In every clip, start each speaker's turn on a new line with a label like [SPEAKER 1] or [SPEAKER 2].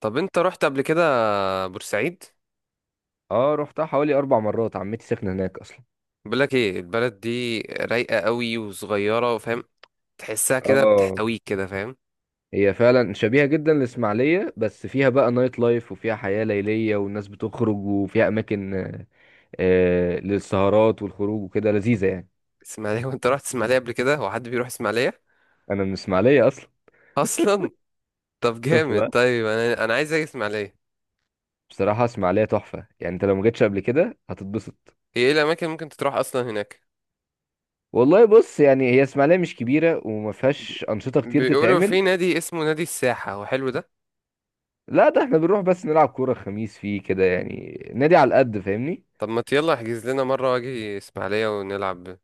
[SPEAKER 1] طب انت رحت قبل كده بورسعيد؟
[SPEAKER 2] اه، رحتها حوالي اربع مرات. عمتي ساكنه هناك اصلا.
[SPEAKER 1] بقولك ايه، البلد دي رايقة قوي وصغيرة، فاهم؟ تحسها كده
[SPEAKER 2] اه،
[SPEAKER 1] بتحتويك كده، فاهم؟
[SPEAKER 2] هي فعلا شبيهه جدا للاسماعيليه، بس فيها بقى نايت لايف وفيها حياه ليليه والناس بتخرج، وفيها اماكن للسهرات والخروج وكده، لذيذه يعني.
[SPEAKER 1] اسماعيلية وانت رحت اسماعيلية قبل كده؟ هو حد بيروح اسماعيلية
[SPEAKER 2] انا من الاسماعيليه اصلا.
[SPEAKER 1] اصلا؟ طب
[SPEAKER 2] شفت
[SPEAKER 1] جامد.
[SPEAKER 2] بقى.
[SPEAKER 1] طيب انا عايز اجي اسماعيلية.
[SPEAKER 2] بصراحه اسماعيليه تحفه يعني، انت لو ما جيتش قبل كده هتتبسط.
[SPEAKER 1] هي ايه الاماكن اللي ممكن تروح اصلا هناك؟
[SPEAKER 2] والله بص، يعني هي اسماعيليه مش كبيره وما
[SPEAKER 1] بي-
[SPEAKER 2] فيهاش انشطه كتير
[SPEAKER 1] بيقولوا
[SPEAKER 2] تتعمل.
[SPEAKER 1] في نادي اسمه نادي الساحة، هو حلو ده؟
[SPEAKER 2] لا، ده احنا بنروح بس نلعب كوره الخميس فيه كده، يعني نادي على القد فاهمني.
[SPEAKER 1] طب ما يلا احجز لنا مرة واجي اسماعيلية ونلعب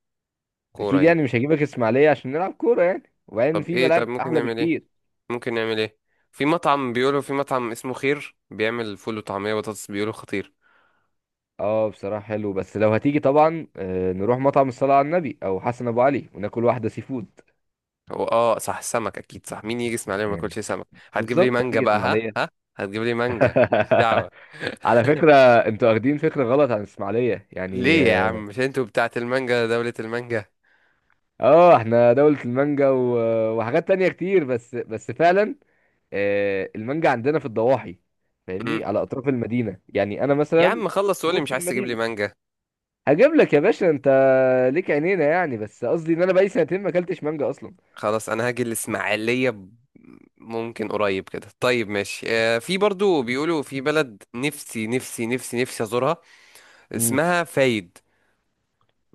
[SPEAKER 1] كورة
[SPEAKER 2] اكيد
[SPEAKER 1] يعني.
[SPEAKER 2] يعني، مش هجيبك اسماعيليه عشان نلعب كوره يعني، وبعدين
[SPEAKER 1] طب
[SPEAKER 2] في
[SPEAKER 1] ايه؟ طب
[SPEAKER 2] ملاعب
[SPEAKER 1] ممكن
[SPEAKER 2] احلى
[SPEAKER 1] نعمل ايه؟
[SPEAKER 2] بكتير.
[SPEAKER 1] ممكن نعمل ايه؟ في مطعم، بيقولوا في مطعم اسمه خير، بيعمل فول وطعمية وبطاطس، بيقولوا خطير.
[SPEAKER 2] اه بصراحه حلو، بس لو هتيجي طبعا نروح مطعم الصلاه على النبي او حسن ابو علي وناكل واحده سي فود
[SPEAKER 1] هو اه صح، سمك اكيد، صح، مين يجي اسماعيلية وما
[SPEAKER 2] يعني.
[SPEAKER 1] ياكلش سمك؟ هتجيب لي
[SPEAKER 2] بالظبط
[SPEAKER 1] مانجا
[SPEAKER 2] هتيجي
[SPEAKER 1] بقى، ها
[SPEAKER 2] اسماعيليه.
[SPEAKER 1] ها؟ هتجيب لي مانجا، ماليش دعوة.
[SPEAKER 2] على فكره، انتوا واخدين فكره غلط عن اسماعيليه يعني،
[SPEAKER 1] ليه يا
[SPEAKER 2] اه.
[SPEAKER 1] عم، مش انتوا بتاعت المانجا، دولة المانجا؟
[SPEAKER 2] احنا دوله المانجا و- وحاجات تانية كتير، بس فعلا المانجا عندنا في الضواحي،
[SPEAKER 1] مم.
[SPEAKER 2] فاهمني، على اطراف المدينه يعني. انا
[SPEAKER 1] يا
[SPEAKER 2] مثلا
[SPEAKER 1] عم خلص
[SPEAKER 2] في
[SPEAKER 1] وقولي مش
[SPEAKER 2] وسط
[SPEAKER 1] عايز تجيب لي
[SPEAKER 2] المدينه.
[SPEAKER 1] مانجا.
[SPEAKER 2] هجيب لك يا باشا انت، ليك عينينا يعني. بس قصدي ان انا بقالي سنتين ما اكلتش مانجا اصلا.
[SPEAKER 1] خلاص انا هاجي الاسماعيلية ممكن قريب كده. طيب ماشي. في برضو بيقولوا في بلد نفسي نفسي نفسي نفسي ازورها،
[SPEAKER 2] امم.
[SPEAKER 1] اسمها فايد.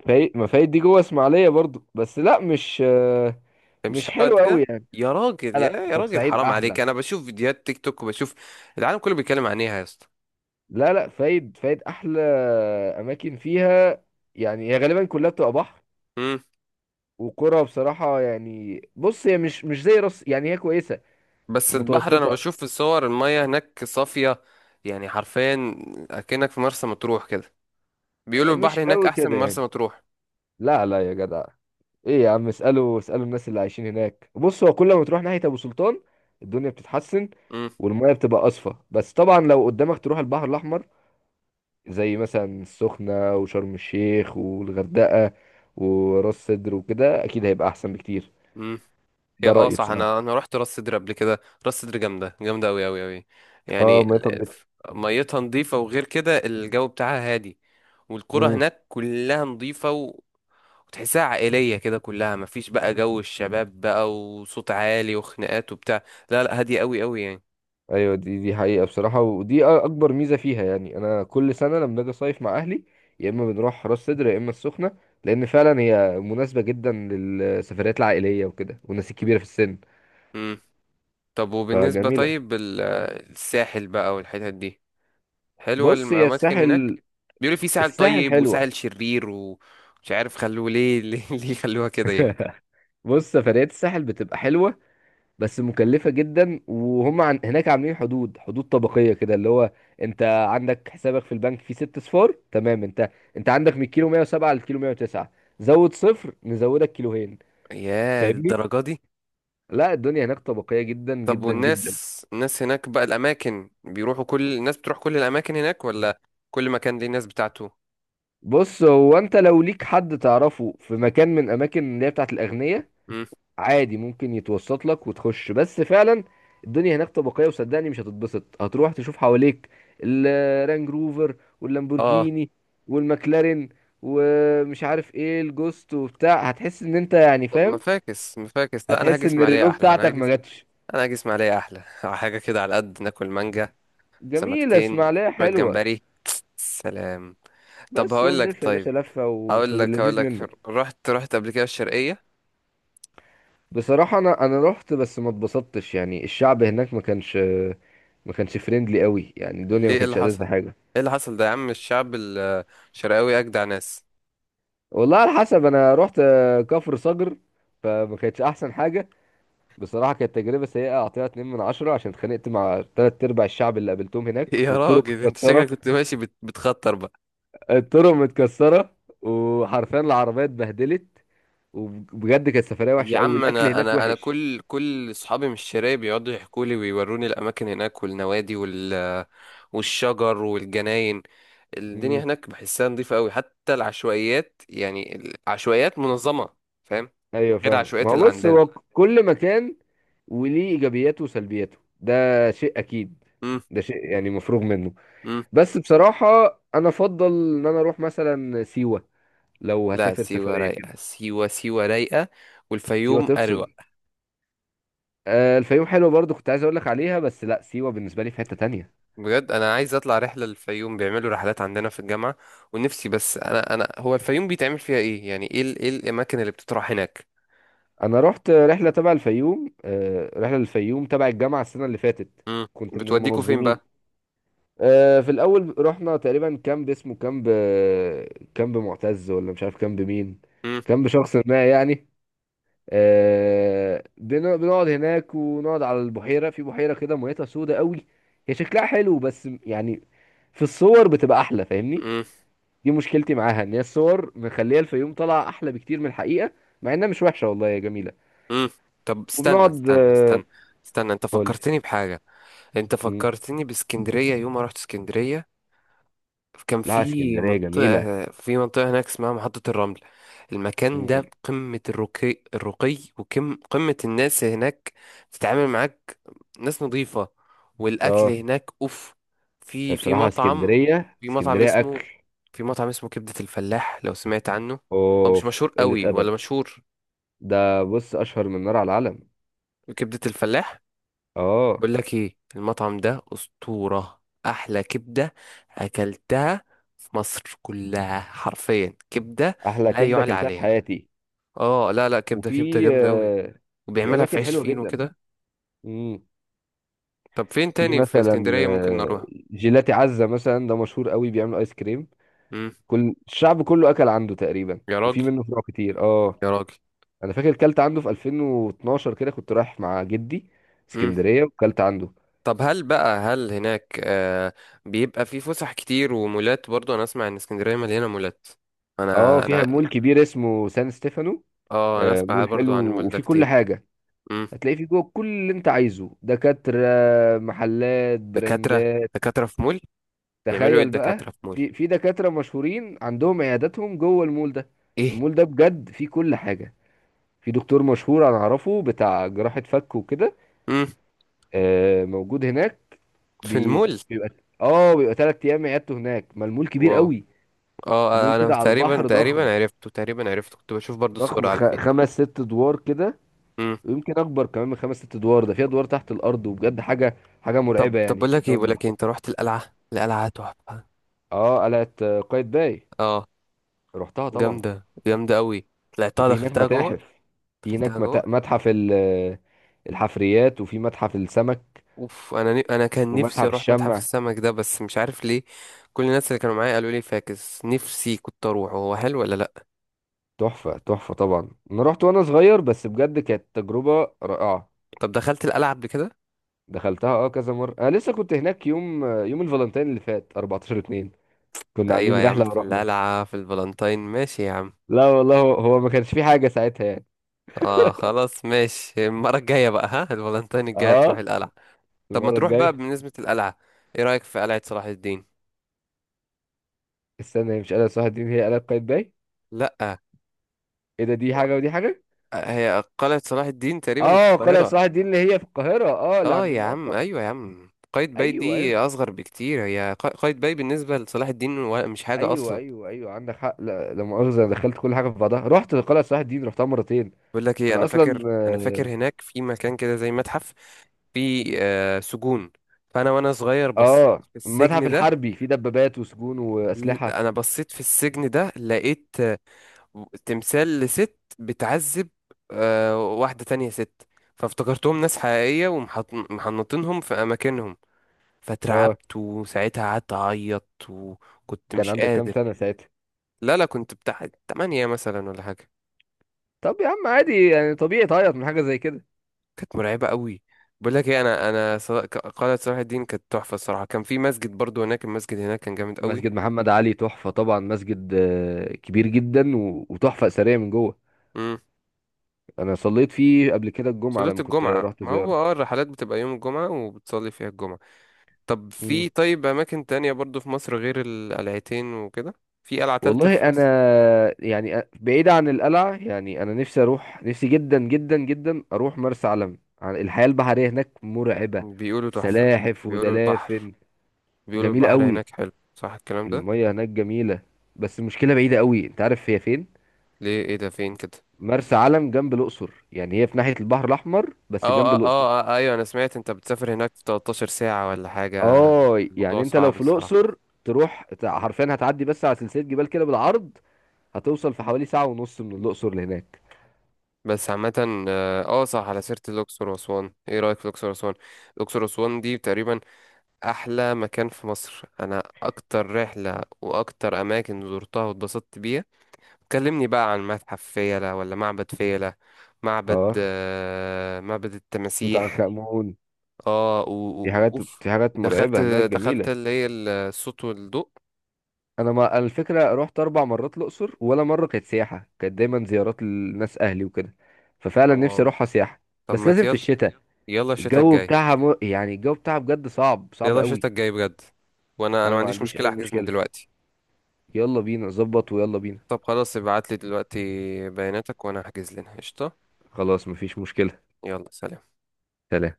[SPEAKER 2] فايد؟ ما فايد دي جوه اسماعيليه برضو. بس لا،
[SPEAKER 1] مش
[SPEAKER 2] مش
[SPEAKER 1] حلو
[SPEAKER 2] حلو
[SPEAKER 1] قد
[SPEAKER 2] قوي
[SPEAKER 1] كده؟
[SPEAKER 2] يعني.
[SPEAKER 1] يا
[SPEAKER 2] لا
[SPEAKER 1] راجل، يا
[SPEAKER 2] لا،
[SPEAKER 1] يا راجل،
[SPEAKER 2] بورسعيد
[SPEAKER 1] حرام
[SPEAKER 2] احلى.
[SPEAKER 1] عليك، انا بشوف فيديوهات تيك توك وبشوف العالم كله بيتكلم عن ايه، يا اسطى؟
[SPEAKER 2] لا لا، فايد فايد احلى. اماكن فيها، يعني هي غالبا كلها بتبقى بحر
[SPEAKER 1] امم.
[SPEAKER 2] وقرى، بصراحه يعني. بص، هي مش زي راس يعني، هي كويسه
[SPEAKER 1] بس البحر، انا
[SPEAKER 2] متوسطه،
[SPEAKER 1] بشوف في الصور المية هناك صافية، يعني حرفيا اكنك في مرسى مطروح كده. بيقولوا
[SPEAKER 2] مش
[SPEAKER 1] البحر هناك
[SPEAKER 2] قوي
[SPEAKER 1] احسن
[SPEAKER 2] كده
[SPEAKER 1] من مرسى
[SPEAKER 2] يعني.
[SPEAKER 1] مطروح.
[SPEAKER 2] لا لا يا جدع، ايه يا عم؟ اسألوا اسألوا الناس اللي عايشين هناك. بص، هو كل ما تروح ناحية ابو سلطان الدنيا بتتحسن
[SPEAKER 1] امم.
[SPEAKER 2] والمية بتبقى اصفى. بس طبعا لو قدامك تروح البحر الاحمر، زي مثلا السخنة وشرم الشيخ والغردقة وراس سدر وكده، اكيد هيبقى احسن بكتير.
[SPEAKER 1] امم. هي
[SPEAKER 2] ده
[SPEAKER 1] اه
[SPEAKER 2] رأيي
[SPEAKER 1] صح،
[SPEAKER 2] بصراحة.
[SPEAKER 1] انا رحت راس سدر قبل كده. راس سدر جامدة جامدة اوي اوي اوي، يعني
[SPEAKER 2] اه، مية نضيفة.
[SPEAKER 1] ميتها نظيفة، وغير كده الجو بتاعها هادي. والقرى هناك كلها نظيفة، وتحسها عائلية كده كلها، مفيش بقى جو الشباب بقى وصوت عالي وخناقات وبتاع. لا لا، هادية قوي قوي يعني.
[SPEAKER 2] ايوه، دي حقيقة بصراحة، ودي اكبر ميزة فيها يعني. انا كل سنة لما باجي اصيف مع اهلي يا اما بنروح راس سدر يا اما السخنة، لان فعلا هي مناسبة جدا للسفريات العائلية وكده، والناس الكبيرة في السن،
[SPEAKER 1] امم. طب وبالنسبة،
[SPEAKER 2] فجميلة.
[SPEAKER 1] طيب الساحل بقى والحتت دي، حلوة
[SPEAKER 2] بص، هي
[SPEAKER 1] الأماكن هناك؟
[SPEAKER 2] الساحل،
[SPEAKER 1] بيقولوا في ساحل
[SPEAKER 2] الساحل
[SPEAKER 1] طيب
[SPEAKER 2] حلوة.
[SPEAKER 1] وساحل شرير ومش عارف، خلوه ليه؟ ليه خلوها كده يعني؟
[SPEAKER 2] بص، سفريات الساحل بتبقى حلوة بس مكلفة جدا. وهم هناك عاملين حدود، حدود طبقية كده، اللي هو انت عندك حسابك في البنك فيه ست صفار تمام؟ انت انت عندك من الكيلو 107 للكيلو 109، زود صفر نزودك كيلوهين،
[SPEAKER 1] يا،
[SPEAKER 2] فاهمني؟
[SPEAKER 1] الدرجة دي؟
[SPEAKER 2] لا، الدنيا هناك طبقية جدا
[SPEAKER 1] طب
[SPEAKER 2] جدا جدا.
[SPEAKER 1] والناس، الناس هناك بقى الأماكن بيروحوا، كل الناس بتروح كل الأماكن هناك، ولا كل مكان ليه الناس بتاعته؟
[SPEAKER 2] بص، هو انت لو ليك حد تعرفه في مكان من اماكن اللي هي بتاعت الاغنياء،
[SPEAKER 1] مم.
[SPEAKER 2] عادي ممكن يتوسط لك وتخش. بس فعلا الدنيا هناك طبقية، وصدقني مش هتتبسط. هتروح تشوف حواليك الرانج روفر
[SPEAKER 1] اه.
[SPEAKER 2] واللامبورجيني والمكلارين ومش عارف ايه الجوست وبتاع، هتحس ان انت يعني
[SPEAKER 1] طب ما
[SPEAKER 2] فاهم،
[SPEAKER 1] فاكس ما فاكس، لا انا هاجي
[SPEAKER 2] هتحس ان
[SPEAKER 1] اسماعيليه
[SPEAKER 2] الرينو
[SPEAKER 1] احلى،
[SPEAKER 2] بتاعتك ما جاتش.
[SPEAKER 1] انا هاجي اسماعيليه احلى حاجه كده على قد ناكل مانجا،
[SPEAKER 2] جميلة
[SPEAKER 1] سمكتين،
[SPEAKER 2] اسماعيلية
[SPEAKER 1] شويه
[SPEAKER 2] حلوة،
[SPEAKER 1] جمبري. سلام. طب
[SPEAKER 2] بس
[SPEAKER 1] هقول لك،
[SPEAKER 2] ونلف يا باشا
[SPEAKER 1] طيب
[SPEAKER 2] لفة وفي
[SPEAKER 1] هقول لك هقول
[SPEAKER 2] اللذيذ منه.
[SPEAKER 1] لك رحت قبل كده الشرقيه؟
[SPEAKER 2] بصراحة، انا رحت بس ما اتبسطتش يعني. الشعب هناك ما كانش فريندلي قوي يعني، الدنيا ما
[SPEAKER 1] ليه؟ ايه اللي
[SPEAKER 2] كانتش
[SPEAKER 1] حصل؟
[SPEAKER 2] ألذ حاجة.
[SPEAKER 1] ايه اللي حصل ده يا عم؟ الشعب الشرقاوي اجدع ناس.
[SPEAKER 2] والله على حسب، انا رحت كفر صقر، فما كانتش احسن حاجه. بصراحه كانت تجربه سيئه، اعطيها 2 من عشرة، عشان اتخانقت مع تلات ارباع الشعب اللي قابلتهم هناك،
[SPEAKER 1] يا
[SPEAKER 2] والطرق
[SPEAKER 1] راجل انت
[SPEAKER 2] متكسره،
[SPEAKER 1] شكلك كنت ماشي بتخطر.
[SPEAKER 2] الطرق متكسره، وحرفيا العربيه اتبهدلت. وبجد كانت سفريه وحشه
[SPEAKER 1] يا
[SPEAKER 2] قوي،
[SPEAKER 1] عم
[SPEAKER 2] الاكل
[SPEAKER 1] انا
[SPEAKER 2] هناك
[SPEAKER 1] انا انا
[SPEAKER 2] وحش.
[SPEAKER 1] كل اصحابي من الشرايه بيقعدوا يحكوا لي ويوروني الاماكن هناك والنوادي والشجر والجناين. الدنيا
[SPEAKER 2] امم.
[SPEAKER 1] هناك بحسها نظيفه قوي، حتى العشوائيات يعني، العشوائيات منظمه، فاهم؟
[SPEAKER 2] ايوه
[SPEAKER 1] غير
[SPEAKER 2] فاهم، ما
[SPEAKER 1] العشوائيات
[SPEAKER 2] هو
[SPEAKER 1] اللي
[SPEAKER 2] بص،
[SPEAKER 1] عندنا.
[SPEAKER 2] هو كل مكان وليه ايجابياته وسلبياته، ده شيء اكيد،
[SPEAKER 1] امم.
[SPEAKER 2] ده شيء يعني مفروغ منه.
[SPEAKER 1] امم.
[SPEAKER 2] بس بصراحه، انا افضل ان انا اروح مثلا سيوه لو
[SPEAKER 1] لا
[SPEAKER 2] هسافر
[SPEAKER 1] سيوه
[SPEAKER 2] سفرية
[SPEAKER 1] رايقه،
[SPEAKER 2] كده.
[SPEAKER 1] سيوه سيوه رايقه،
[SPEAKER 2] سيوة
[SPEAKER 1] والفيوم اروق.
[SPEAKER 2] تفصل. الفيوم حلوة برضو، كنت عايز اقول لك عليها، بس لا، سيوة بالنسبة لي في حتة تانية.
[SPEAKER 1] بجد انا عايز اطلع رحله للفيوم، بيعملوا رحلات عندنا في الجامعه، ونفسي، بس انا هو الفيوم بيتعمل فيها ايه يعني؟ ايه ايه الاماكن اللي بتطرح هناك؟
[SPEAKER 2] انا رحت رحلة تبع الفيوم رحلة للفيوم تبع الجامعة السنة اللي فاتت،
[SPEAKER 1] امم.
[SPEAKER 2] كنت من
[SPEAKER 1] بتوديكوا فين
[SPEAKER 2] المنظمين.
[SPEAKER 1] بقى؟
[SPEAKER 2] في الاول رحنا تقريبا كامب، اسمه كامب كامب معتز ولا مش عارف كامب مين،
[SPEAKER 1] امم.
[SPEAKER 2] كامب شخص ما يعني. بنقعد هناك ونقعد على البحيرة. في بحيرة كده ميتها سودة قوي، هي شكلها حلو، بس يعني في الصور بتبقى احلى فاهمني.
[SPEAKER 1] امم.
[SPEAKER 2] دي مشكلتي معاها، ان هي الصور مخليه الفيوم طالعه احلى بكتير من الحقيقه، مع انها مش وحشه، والله يا جميله.
[SPEAKER 1] امم. طب استنى
[SPEAKER 2] وبنقعد
[SPEAKER 1] استنى استنى استنى، انت
[SPEAKER 2] قول.
[SPEAKER 1] فكرتني بحاجة، انت
[SPEAKER 2] مم.
[SPEAKER 1] فكرتني باسكندرية يوم ما رحت اسكندرية. كان
[SPEAKER 2] لا،
[SPEAKER 1] في
[SPEAKER 2] اسكندريه جميله.
[SPEAKER 1] منطقة في منطقة هناك اسمها محطة الرمل. المكان
[SPEAKER 2] مم.
[SPEAKER 1] ده قمة الرقي الرقي، وقمة قمة الناس هناك تتعامل معاك، ناس نظيفة، والأكل
[SPEAKER 2] اه
[SPEAKER 1] هناك أوف. في
[SPEAKER 2] بصراحه
[SPEAKER 1] مطعم،
[SPEAKER 2] اسكندريه،
[SPEAKER 1] في مطعم
[SPEAKER 2] اسكندريه
[SPEAKER 1] اسمه
[SPEAKER 2] اكل.
[SPEAKER 1] في مطعم اسمه كبدة الفلاح، لو سمعت عنه؟ هو مش
[SPEAKER 2] اوف،
[SPEAKER 1] مشهور
[SPEAKER 2] قله
[SPEAKER 1] قوي
[SPEAKER 2] ادب.
[SPEAKER 1] ولا مشهور؟
[SPEAKER 2] ده بص اشهر من نار على العلم.
[SPEAKER 1] كبدة الفلاح.
[SPEAKER 2] اه،
[SPEAKER 1] بقول لك ايه، المطعم ده أسطورة، أحلى كبدة أكلتها في مصر كلها حرفيا، كبدة.
[SPEAKER 2] احلى
[SPEAKER 1] لا
[SPEAKER 2] كبده
[SPEAKER 1] يعلى
[SPEAKER 2] اكلتها في
[SPEAKER 1] عليها.
[SPEAKER 2] حياتي.
[SPEAKER 1] اه لا لا، كبدة كبدة
[SPEAKER 2] وفي
[SPEAKER 1] جامدة أوي،
[SPEAKER 2] في
[SPEAKER 1] وبيعملها في
[SPEAKER 2] اماكن
[SPEAKER 1] عيش
[SPEAKER 2] حلوه
[SPEAKER 1] فينو
[SPEAKER 2] جدا.
[SPEAKER 1] كده.
[SPEAKER 2] مم.
[SPEAKER 1] طب فين
[SPEAKER 2] في
[SPEAKER 1] تاني في
[SPEAKER 2] مثلا
[SPEAKER 1] اسكندرية ممكن نروح؟
[SPEAKER 2] جيلاتي عزه مثلا، ده مشهور قوي، بيعمل ايس كريم،
[SPEAKER 1] امم.
[SPEAKER 2] كل الشعب كله اكل عنده تقريبا،
[SPEAKER 1] يا
[SPEAKER 2] وفي
[SPEAKER 1] راجل،
[SPEAKER 2] منه فروع كتير، اه.
[SPEAKER 1] يا راجل.
[SPEAKER 2] انا فاكر كلت عنده في 2012 كده، كنت رايح مع جدي
[SPEAKER 1] امم.
[SPEAKER 2] اسكندريه وكلت عنده.
[SPEAKER 1] طب هل بقى هناك بيبقى في فسح كتير ومولات برضو؟ أنا أسمع إن اسكندرية مليانة مولات.
[SPEAKER 2] اه،
[SPEAKER 1] أنا
[SPEAKER 2] فيها
[SPEAKER 1] أنا
[SPEAKER 2] مول كبير اسمه سان ستيفانو،
[SPEAKER 1] اه، أنا أسمع
[SPEAKER 2] مول
[SPEAKER 1] برضو
[SPEAKER 2] حلو،
[SPEAKER 1] عن المول ده
[SPEAKER 2] وفي كل
[SPEAKER 1] كتير.
[SPEAKER 2] حاجه. هتلاقي فيه جوه كل اللي انت عايزه: دكاتره، محلات،
[SPEAKER 1] دكاترة،
[SPEAKER 2] براندات.
[SPEAKER 1] دكاترة في مول؟ بيعملوا ايه
[SPEAKER 2] تخيل بقى،
[SPEAKER 1] الدكاترة في مول؟
[SPEAKER 2] في دكاتره مشهورين عندهم عياداتهم جوه المول ده.
[SPEAKER 1] ايه؟
[SPEAKER 2] المول ده بجد فيه كل حاجه. في دكتور مشهور انا اعرفه، بتاع جراحه فك وكده،
[SPEAKER 1] امم.
[SPEAKER 2] موجود هناك.
[SPEAKER 1] في
[SPEAKER 2] بي-
[SPEAKER 1] المول؟
[SPEAKER 2] بيبقى، اه بيبقى 3 ايام عيادته هناك، ما المول كبير
[SPEAKER 1] واو.
[SPEAKER 2] قوي.
[SPEAKER 1] اه،
[SPEAKER 2] المول
[SPEAKER 1] انا
[SPEAKER 2] كده على البحر ضخم،
[SPEAKER 1] تقريبا عرفته، كنت بشوف برضو
[SPEAKER 2] ضخم
[SPEAKER 1] الصورة على الفيس.
[SPEAKER 2] خمس ست ادوار كده،
[SPEAKER 1] امم.
[SPEAKER 2] ويمكن اكبر كمان من خمس ست ادوار. ده في ادوار تحت الارض، وبجد حاجه حاجه
[SPEAKER 1] طب
[SPEAKER 2] مرعبه
[SPEAKER 1] طب
[SPEAKER 2] يعني، قدام
[SPEAKER 1] بقول لك إيه،
[SPEAKER 2] البحر.
[SPEAKER 1] انت رحت القلعة؟ القلعة تحفة.
[SPEAKER 2] اه، قلعه قايتباي،
[SPEAKER 1] اه،
[SPEAKER 2] رحتها طبعا.
[SPEAKER 1] جامدة جامدة قوي، طلعتها
[SPEAKER 2] وفي هناك
[SPEAKER 1] دخلتها جوه،
[SPEAKER 2] متاحف، في
[SPEAKER 1] دخلتها
[SPEAKER 2] هناك
[SPEAKER 1] جوه.
[SPEAKER 2] متحف ال... آه، الحفريات، وفي متحف السمك،
[SPEAKER 1] اوف، انا كان نفسي
[SPEAKER 2] ومتحف
[SPEAKER 1] اروح متحف
[SPEAKER 2] الشمع.
[SPEAKER 1] السمك ده، بس مش عارف ليه كل الناس اللي كانوا معايا قالوا لي فاكس، نفسي كنت اروح، هو حلو ولا لا؟
[SPEAKER 2] تحفه تحفه طبعا، انا رحت وانا صغير، بس بجد كانت تجربه رائعه.
[SPEAKER 1] طب دخلت القلعة قبل كده؟
[SPEAKER 2] دخلتها اه كذا مرة. انا لسه كنت هناك يوم الفالنتين اللي فات 14 2، كنا
[SPEAKER 1] ايوه
[SPEAKER 2] عاملين
[SPEAKER 1] يا عم،
[SPEAKER 2] رحلة
[SPEAKER 1] في
[SPEAKER 2] ورحنا.
[SPEAKER 1] القلعة في الفالنتاين، ماشي يا عم.
[SPEAKER 2] لا والله، هو هو ما كانش في حاجة ساعتها يعني.
[SPEAKER 1] اه خلاص ماشي، المرة الجاية بقى، ها، الفالنتين الجاية تروح
[SPEAKER 2] اه،
[SPEAKER 1] القلعة. طب ما
[SPEAKER 2] المرة
[SPEAKER 1] تروح بقى،
[SPEAKER 2] الجاية.
[SPEAKER 1] بالنسبة للقلعة، ايه رأيك في قلعة صلاح الدين؟
[SPEAKER 2] استنى، هي مش قلعة صلاح الدين، هي قلعة قايتباي.
[SPEAKER 1] لأ،
[SPEAKER 2] ايه ده؟ دي حاجة ودي حاجة.
[SPEAKER 1] هي قلعة صلاح الدين تقريبا في
[SPEAKER 2] اه، قلعة
[SPEAKER 1] القاهرة.
[SPEAKER 2] صلاح الدين اللي هي في القاهرة، اه اللي
[SPEAKER 1] اه
[SPEAKER 2] عند
[SPEAKER 1] يا عم،
[SPEAKER 2] المقطم.
[SPEAKER 1] ايوه يا عم، قايتباي
[SPEAKER 2] ايوه
[SPEAKER 1] دي
[SPEAKER 2] ايوه
[SPEAKER 1] اصغر بكتير، هي قايتباي بالنسبة لصلاح الدين مش حاجة
[SPEAKER 2] ايوه
[SPEAKER 1] اصلا.
[SPEAKER 2] ايوه ايوه، عندك حق. لا لا مؤاخذة، أنا دخلت كل حاجة في بعضها، رحت قلعة صلاح الدين، رحتها مرتين.
[SPEAKER 1] بقول لك ايه، انا
[SPEAKER 2] انا اصلا
[SPEAKER 1] فاكر انا فاكر
[SPEAKER 2] اه،
[SPEAKER 1] هناك في مكان كده زي متحف، في سجون، فانا وانا صغير بصيت في
[SPEAKER 2] المتحف
[SPEAKER 1] السجن ده.
[SPEAKER 2] الحربي فيه دبابات وسجون واسلحة.
[SPEAKER 1] انا بصيت في السجن ده لقيت تمثال لست بتعذب، واحدة تانية ست، فافتكرتهم ناس حقيقية ومحنطينهم في أماكنهم،
[SPEAKER 2] اه،
[SPEAKER 1] فاترعبت وساعتها قعدت أعيط وكنت
[SPEAKER 2] كان
[SPEAKER 1] مش
[SPEAKER 2] عندك كام
[SPEAKER 1] قادر.
[SPEAKER 2] سنة ساعتها؟
[SPEAKER 1] لا لا، كنت بتاع 8 مثلا ولا حاجة،
[SPEAKER 2] طب يا عم عادي يعني، طبيعي تعيط من حاجة زي كده.
[SPEAKER 1] كانت مرعبة قوي. بقول لك ايه، قلعة صلاح الدين كانت تحفة. الصراحة كان في مسجد برضو هناك، المسجد هناك كان جامد قوي.
[SPEAKER 2] مسجد محمد علي تحفة طبعا، مسجد كبير جدا و- وتحفة أثرية من جوه.
[SPEAKER 1] امم.
[SPEAKER 2] أنا صليت فيه قبل كده الجمعة
[SPEAKER 1] صلاة
[SPEAKER 2] لما كنت
[SPEAKER 1] الجمعة،
[SPEAKER 2] رحت
[SPEAKER 1] ما هو
[SPEAKER 2] زيارة.
[SPEAKER 1] اه، الرحلات بتبقى يوم الجمعة وبتصلي فيها الجمعة. طب
[SPEAKER 2] مم.
[SPEAKER 1] في، طيب، أماكن تانية برضو في مصر غير القلعتين وكده؟ في قلعة تالتة
[SPEAKER 2] والله
[SPEAKER 1] في
[SPEAKER 2] أنا
[SPEAKER 1] مصر؟
[SPEAKER 2] يعني، بعيد عن القلعة يعني. أنا نفسي أروح، نفسي جدا جدا جدا أروح مرسى علم. الحياة البحرية هناك مرعبة،
[SPEAKER 1] بيقولوا تحفة.
[SPEAKER 2] سلاحف
[SPEAKER 1] بيقولوا البحر
[SPEAKER 2] ودلافن،
[SPEAKER 1] بيقولوا
[SPEAKER 2] جميلة
[SPEAKER 1] البحر
[SPEAKER 2] قوي،
[SPEAKER 1] هناك حلو، صح الكلام ده؟
[SPEAKER 2] المية هناك جميلة. بس المشكلة بعيدة قوي، أنت عارف هي فين؟
[SPEAKER 1] ليه؟ ايه ده؟ فين كده؟
[SPEAKER 2] مرسى علم جنب الاقصر، يعني هي في ناحيه البحر الاحمر، بس
[SPEAKER 1] اه
[SPEAKER 2] جنب
[SPEAKER 1] اه
[SPEAKER 2] الاقصر.
[SPEAKER 1] اه، ايوه، انا سمعت انت بتسافر هناك في 13 ساعة ولا حاجة؟
[SPEAKER 2] اه
[SPEAKER 1] الموضوع
[SPEAKER 2] يعني، انت لو
[SPEAKER 1] صعب
[SPEAKER 2] في
[SPEAKER 1] الصراحة.
[SPEAKER 2] الاقصر تروح حرفيا هتعدي بس على سلسله جبال كده بالعرض، هتوصل في حوالي ساعه ونص من الاقصر لهناك.
[SPEAKER 1] بس عامة، صح، على سيرة الأقصر وأسوان، ايه رأيك في الأقصر وأسوان؟ الأقصر وأسوان دي تقريبا أحلى مكان في مصر، أنا أكتر رحلة وأكتر أماكن زرتها واتبسطت بيها. كلمني بقى عن متحف فيلة ولا معبد فيلة. معبد،
[SPEAKER 2] اه،
[SPEAKER 1] معبد
[SPEAKER 2] توت عنخ
[SPEAKER 1] التماسيح.
[SPEAKER 2] امون.
[SPEAKER 1] اه،
[SPEAKER 2] في حاجات
[SPEAKER 1] اوف.
[SPEAKER 2] في حاجات
[SPEAKER 1] دخلت،
[SPEAKER 2] مرعبه هناك جميله.
[SPEAKER 1] اللي هي الصوت والضوء.
[SPEAKER 2] انا ما أنا الفكره، رحت اربع مرات الاقصر ولا مره كانت سياحه، كانت دايما زيارات للناس، اهلي وكده، ففعلا نفسي
[SPEAKER 1] اه.
[SPEAKER 2] اروحها سياحه،
[SPEAKER 1] طب
[SPEAKER 2] بس
[SPEAKER 1] ما
[SPEAKER 2] لازم في
[SPEAKER 1] يلا،
[SPEAKER 2] الشتاء.
[SPEAKER 1] يلا الشتا
[SPEAKER 2] الجو
[SPEAKER 1] الجاي،
[SPEAKER 2] بتاعها يعني الجو بتاعها بجد صعب صعب
[SPEAKER 1] يلا
[SPEAKER 2] قوي.
[SPEAKER 1] الشتا الجاي بجد، وانا
[SPEAKER 2] انا
[SPEAKER 1] ما
[SPEAKER 2] ما
[SPEAKER 1] عنديش
[SPEAKER 2] عنديش اي
[SPEAKER 1] مشكلة احجز من
[SPEAKER 2] مشكله،
[SPEAKER 1] دلوقتي.
[SPEAKER 2] يلا بينا ظبط، ويلا بينا.
[SPEAKER 1] طب خلاص، ابعت لي دلوقتي بياناتك وانا احجز لنا قشطة.
[SPEAKER 2] خلاص مفيش مشكلة.
[SPEAKER 1] يلا سلام.
[SPEAKER 2] سلام.